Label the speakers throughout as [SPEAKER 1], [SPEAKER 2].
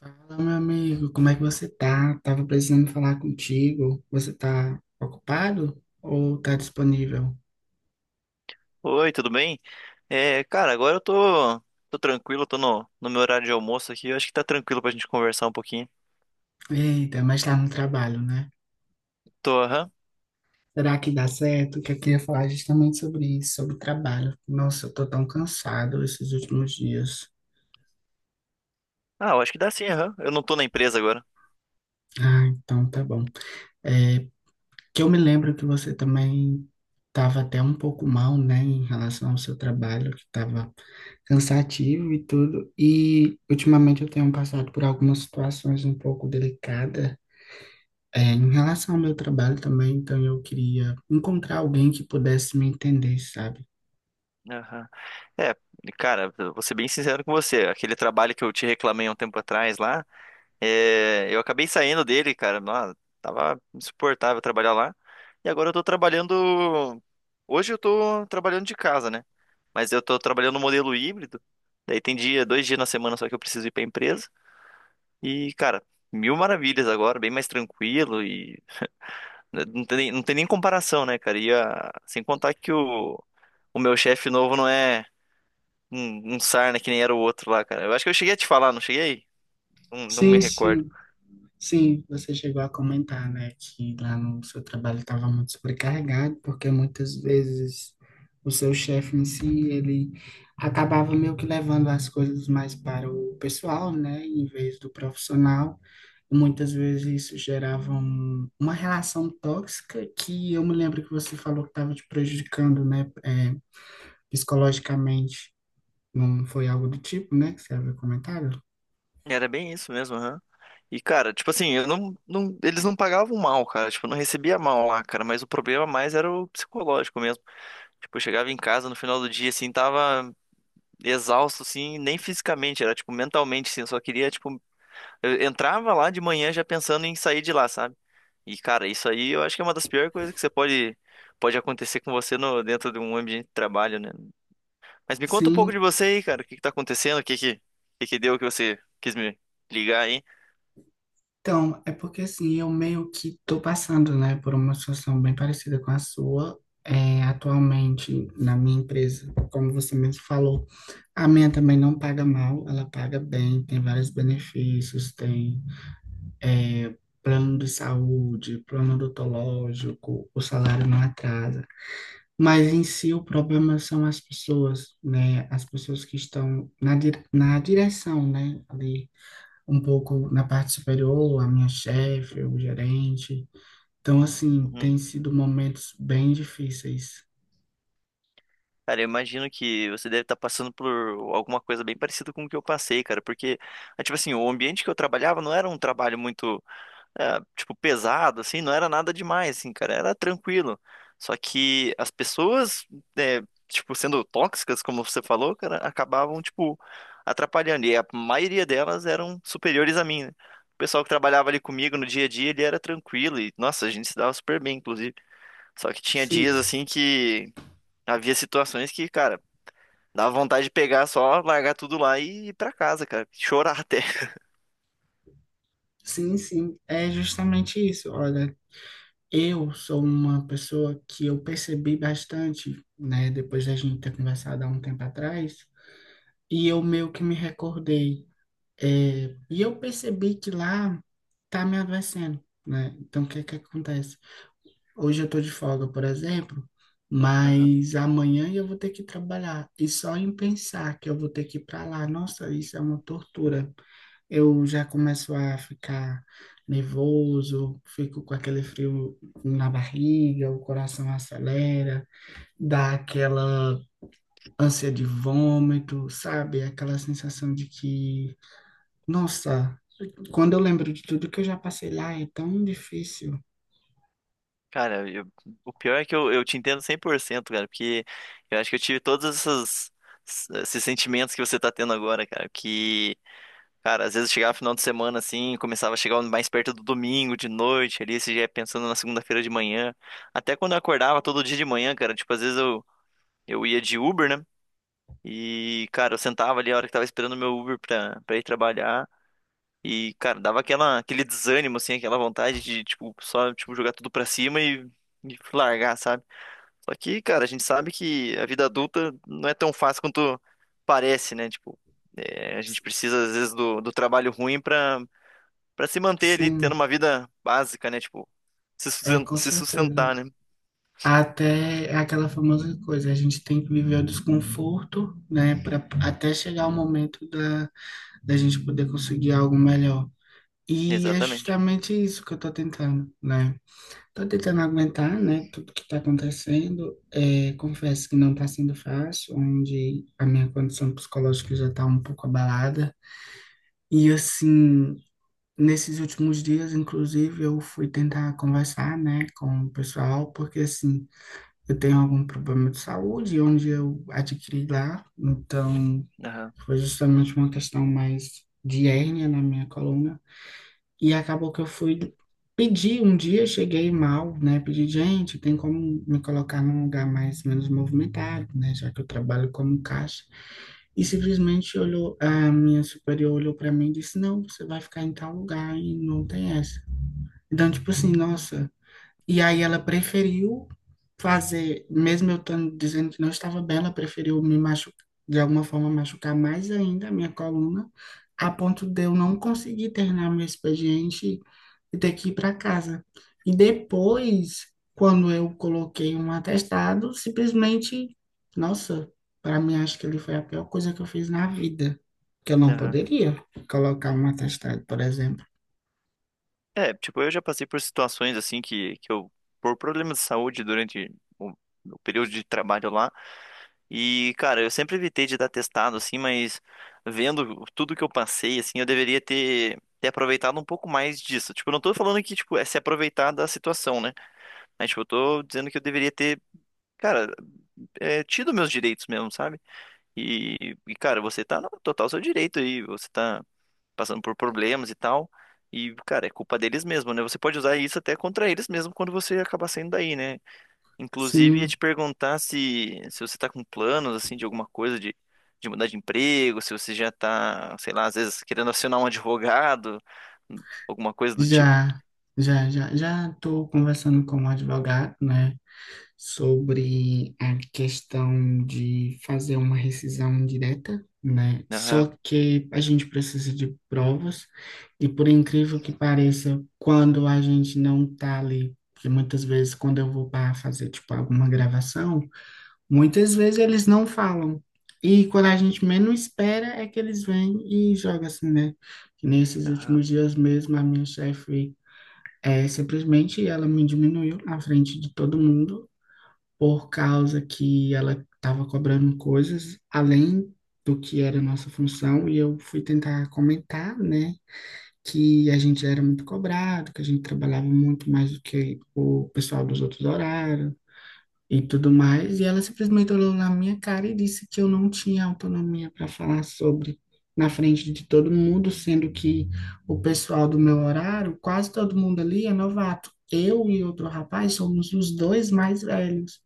[SPEAKER 1] Fala, meu amigo, como é que você tá? Tava precisando falar contigo. Você tá ocupado ou tá disponível?
[SPEAKER 2] Oi, tudo bem? É, cara, agora eu tô tranquilo, tô no meu horário de almoço aqui. Eu acho que tá tranquilo pra gente conversar um pouquinho.
[SPEAKER 1] Eita, mas tá no trabalho, né?
[SPEAKER 2] Tô, aham.
[SPEAKER 1] Será que dá certo? Que eu queria falar justamente sobre isso, sobre trabalho. Nossa, eu tô tão cansado esses últimos dias.
[SPEAKER 2] Ah, eu acho que dá sim, aham. Eu não tô na empresa agora.
[SPEAKER 1] Ah, então tá bom. É, Que eu me lembro que você também estava até um pouco mal, né, em relação ao seu trabalho, que estava cansativo e tudo. E ultimamente eu tenho passado por algumas situações um pouco delicadas, em relação ao meu trabalho também. Então eu queria encontrar alguém que pudesse me entender, sabe?
[SPEAKER 2] Aham. É, cara, eu vou ser bem sincero com você. Aquele trabalho que eu te reclamei há um tempo atrás lá, eu acabei saindo dele, cara. Nossa, tava insuportável trabalhar lá. E agora eu tô trabalhando. Hoje eu tô trabalhando de casa, né? Mas eu tô trabalhando no modelo híbrido. Daí tem dia, dois dias na semana só que eu preciso ir pra empresa. E, cara, mil maravilhas agora, bem mais tranquilo e né, não tem nem comparação, né, cara? Sem contar que o meu chefe novo não é um sarna que nem era o outro lá, cara. Eu acho que eu cheguei a te falar, não cheguei? Não, não me
[SPEAKER 1] Sim,
[SPEAKER 2] recordo.
[SPEAKER 1] sim. Sim, você chegou a comentar, né, que lá no seu trabalho estava muito sobrecarregado, porque muitas vezes o seu chefe em si, ele acabava meio que levando as coisas mais para o pessoal, né, em vez do profissional. E muitas vezes isso gerava uma relação tóxica que eu me lembro que você falou que estava te prejudicando, né, psicologicamente. Não foi algo do tipo, né, que você havia comentado?
[SPEAKER 2] Era bem isso mesmo, aham. E, cara, tipo assim, eu não, não- eles não pagavam mal, cara. Tipo, eu não recebia mal lá, cara. Mas o problema mais era o psicológico mesmo. Tipo, eu chegava em casa no final do dia, assim, tava exausto, assim, nem fisicamente, era, tipo, mentalmente, assim. Eu só queria, tipo, eu entrava lá de manhã já pensando em sair de lá, sabe? E, cara, isso aí eu acho que é uma das piores coisas que você pode acontecer com você no, dentro de um ambiente de trabalho, né? Mas me conta um pouco
[SPEAKER 1] Sim.
[SPEAKER 2] de você aí, cara. O que que tá acontecendo? O que que deu que você quis me ligar aí?
[SPEAKER 1] Então, é porque assim, eu meio que tô passando, né, por uma situação bem parecida com a sua, atualmente na minha empresa. Como você mesmo falou, a minha também não paga mal, ela paga bem, tem vários benefícios, tem, é, plano de saúde, plano odontológico, o salário não atrasa. Mas em si o problema são as pessoas, né, as pessoas que estão na, na direção, né, ali um pouco na parte superior, a minha chefe, o gerente. Então, assim,
[SPEAKER 2] Uhum.
[SPEAKER 1] tem sido momentos bem difíceis.
[SPEAKER 2] Cara, eu imagino que você deve estar passando por alguma coisa bem parecida com o que eu passei, cara. Porque, ah, tipo assim, o ambiente que eu trabalhava não era um trabalho muito, é, tipo, pesado, assim, não era nada demais, assim, cara, era tranquilo. Só que as pessoas, é, tipo, sendo tóxicas, como você falou, cara, acabavam, tipo, atrapalhando. E a maioria delas eram superiores a mim, né? O pessoal que trabalhava ali comigo no dia a dia, ele era tranquilo e, nossa, a gente se dava super bem, inclusive. Só que tinha dias,
[SPEAKER 1] Sim,
[SPEAKER 2] assim, que havia situações que, cara, dava vontade de pegar só, largar tudo lá e ir pra casa, cara, chorar até.
[SPEAKER 1] sim, sim. É justamente isso. Olha, eu sou uma pessoa que eu percebi bastante, né, depois da gente ter conversado há um tempo atrás, e eu meio que me recordei. E eu percebi que lá tá me adoecendo, né? Então, o que é que acontece? Hoje eu estou de folga, por exemplo, mas amanhã eu vou ter que trabalhar. E só em pensar que eu vou ter que ir para lá, nossa, isso é uma tortura. Eu já começo a ficar nervoso, fico com aquele frio na barriga, o coração acelera, dá aquela ânsia de vômito, sabe? Aquela sensação de que, nossa, quando eu lembro de tudo que eu já passei lá, é tão difícil.
[SPEAKER 2] Cara, o pior é que eu te entendo 100% cara, porque eu acho que eu tive esses sentimentos que você tá tendo agora, cara, que, cara, às vezes chegava final de semana, assim, começava a chegar mais perto do domingo, de noite, ali, você já ia pensando na segunda-feira de manhã, até quando eu acordava todo dia de manhã, cara, tipo, às vezes eu ia de Uber, né, e, cara, eu sentava ali a hora que tava esperando o meu Uber pra ir trabalhar, e, cara, dava aquela, aquele desânimo, assim, aquela vontade de, tipo, só, tipo, jogar tudo pra cima e largar, sabe? Só que, cara, a gente sabe que a vida adulta não é tão fácil quanto parece, né? Tipo, é, a gente precisa, às vezes, do trabalho ruim pra se manter ali, tendo
[SPEAKER 1] Sim,
[SPEAKER 2] uma vida básica, né? Tipo,
[SPEAKER 1] é com
[SPEAKER 2] se
[SPEAKER 1] certeza.
[SPEAKER 2] sustentar, né?
[SPEAKER 1] Até é aquela famosa coisa, a gente tem que viver o desconforto, né, para até chegar o momento da, da gente poder conseguir algo melhor. E é
[SPEAKER 2] Exatamente.
[SPEAKER 1] justamente isso que eu tô tentando, né? Tô tentando aguentar, né, tudo que tá acontecendo. É, confesso que não tá sendo fácil, onde a minha condição psicológica já tá um pouco abalada. E assim, nesses últimos dias, inclusive, eu fui tentar conversar, né, com o pessoal, porque assim, eu tenho algum problema de saúde, onde eu adquiri lá. Então,
[SPEAKER 2] Aham,
[SPEAKER 1] foi justamente uma questão mais de hérnia na minha coluna. E acabou que eu fui pedir um dia, cheguei mal, né? Pedi, gente, tem como me colocar num lugar mais menos movimentado, né? Já que eu trabalho como caixa. E simplesmente olhou, a minha superior olhou para mim e disse: não, você vai ficar em tal lugar e não tem essa. Então, tipo assim, nossa. E aí ela preferiu fazer, mesmo eu estando dizendo que não estava bem, ela preferiu me machucar, de alguma forma machucar mais ainda a minha coluna, a ponto de eu não conseguir terminar meu expediente e ter que ir para casa. E depois, quando eu coloquei um atestado, simplesmente, nossa, para mim acho que ele foi a pior coisa que eu fiz na vida, que eu não
[SPEAKER 2] aham.
[SPEAKER 1] poderia colocar um atestado, por exemplo.
[SPEAKER 2] É, tipo, eu já passei por situações assim que eu, por problemas de saúde durante o, o período de trabalho lá, e, cara, eu sempre evitei de dar testado, assim, mas vendo tudo que eu passei, assim, eu deveria ter aproveitado um pouco mais disso. Tipo, eu não tô falando que, tipo, é se aproveitar da situação, né? Mas, tipo, eu tô dizendo que eu deveria ter, cara, é, tido meus direitos mesmo, sabe? E, cara, você tá no total seu direito aí, você tá passando por problemas e tal. E, cara, é culpa deles mesmo, né? Você pode usar isso até contra eles mesmo quando você acabar saindo daí, né? Inclusive, ia te
[SPEAKER 1] Sim.
[SPEAKER 2] perguntar se você tá com planos, assim, de alguma coisa de mudar de emprego, se você já tá, sei lá, às vezes querendo acionar um advogado, alguma coisa do tipo.
[SPEAKER 1] Já, já, estou conversando com um advogado, né, sobre a questão de fazer uma rescisão direta, né? Só
[SPEAKER 2] Aham,
[SPEAKER 1] que a gente precisa de provas e por incrível que pareça, quando a gente não está ali, porque muitas vezes quando eu vou para fazer tipo alguma gravação, muitas vezes eles não falam. E quando a gente menos espera é que eles vêm e jogam assim, né? Que nesses
[SPEAKER 2] aham,
[SPEAKER 1] últimos dias mesmo, a minha chefe simplesmente ela me diminuiu na frente de todo mundo por causa que ela estava cobrando coisas além do que era nossa função e eu fui tentar comentar, né, que a gente era muito cobrado, que a gente trabalhava muito mais do que o pessoal dos outros horários, e tudo mais, e ela simplesmente olhou na minha cara e disse que eu não tinha autonomia para falar sobre na frente de todo mundo, sendo que o pessoal do meu horário, quase todo mundo ali é novato. Eu e outro rapaz somos os dois mais velhos.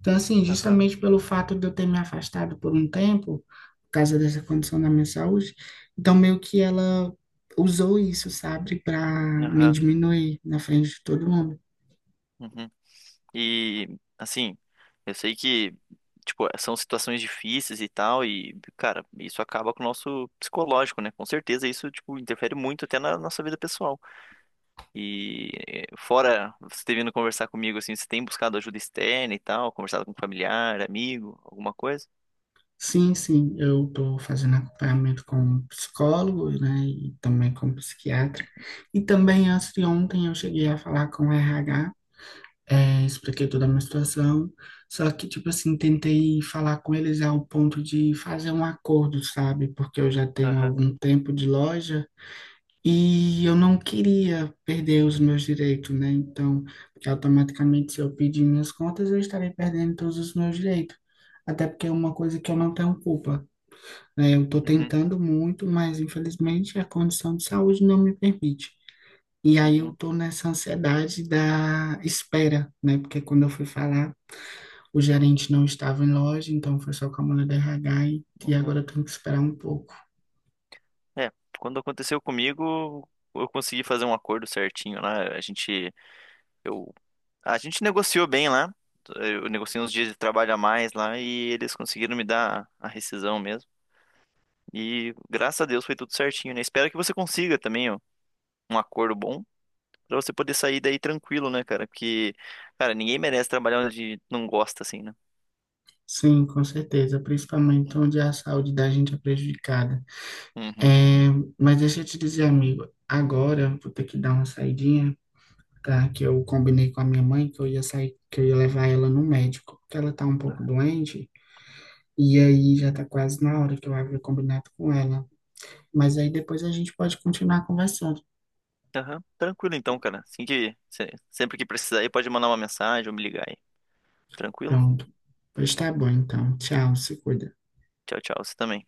[SPEAKER 1] Então, assim,
[SPEAKER 2] aham,
[SPEAKER 1] justamente pelo fato de eu ter me afastado por um tempo, por causa dessa condição da minha saúde, então meio que ela usou isso, sabe, para me
[SPEAKER 2] aham.
[SPEAKER 1] diminuir na frente de todo mundo.
[SPEAKER 2] Uhum. E, assim, eu sei que, tipo, são situações difíceis e tal, e, cara, isso acaba com o nosso psicológico, né? Com certeza isso, tipo, interfere muito até na nossa vida pessoal. E, fora você ter vindo conversar comigo, assim, você tem buscado ajuda externa e tal, conversado com familiar, amigo, alguma coisa?
[SPEAKER 1] Sim, sim, eu estou fazendo acompanhamento com um psicólogo, né, e também com um psiquiatra. E também antes de ontem eu cheguei a falar com o RH, expliquei toda a minha situação, só que, tipo assim, tentei falar com eles ao ponto de fazer um acordo, sabe? Porque eu já tenho
[SPEAKER 2] Aham.
[SPEAKER 1] algum tempo de loja e eu não queria perder os meus direitos, né? Então, porque automaticamente, se eu pedir minhas contas, eu estarei perdendo todos os meus direitos. Até porque é uma coisa que eu não tenho culpa. É, eu estou
[SPEAKER 2] Uhum.
[SPEAKER 1] tentando muito, mas infelizmente a condição de saúde não me permite. E aí eu
[SPEAKER 2] Uhum.
[SPEAKER 1] estou nessa ansiedade da espera, né? Porque quando eu fui falar, o gerente não estava em loja, então foi só com a mulher do RH e agora
[SPEAKER 2] Uhum.
[SPEAKER 1] eu tenho que esperar um pouco.
[SPEAKER 2] É, quando aconteceu comigo, eu consegui fazer um acordo certinho lá. Eu A gente negociou bem lá. Eu negociei uns dias de trabalho a mais lá e eles conseguiram me dar a rescisão mesmo. E graças a Deus foi tudo certinho, né? Espero que você consiga também, ó, um acordo bom pra você poder sair daí tranquilo, né, cara? Porque, cara, ninguém merece trabalhar onde não gosta, assim, né?
[SPEAKER 1] Sim, com certeza, principalmente onde é a saúde da gente é prejudicada. É,
[SPEAKER 2] Uhum.
[SPEAKER 1] mas deixa eu te dizer, amigo, agora vou ter que dar uma saidinha, tá? Que eu combinei com a minha mãe que eu ia sair, que eu ia levar ela no médico, porque ela tá um pouco doente. E aí já tá quase na hora que eu havia combinado com ela. Mas aí depois a gente pode continuar conversando.
[SPEAKER 2] Aham. Tranquilo então, cara. Assim que se- sempre que precisar aí, pode mandar uma mensagem ou me ligar aí. Tranquilo?
[SPEAKER 1] Pronto. Pois tá bom, então. Tchau, se cuida.
[SPEAKER 2] Tchau, tchau. Você também.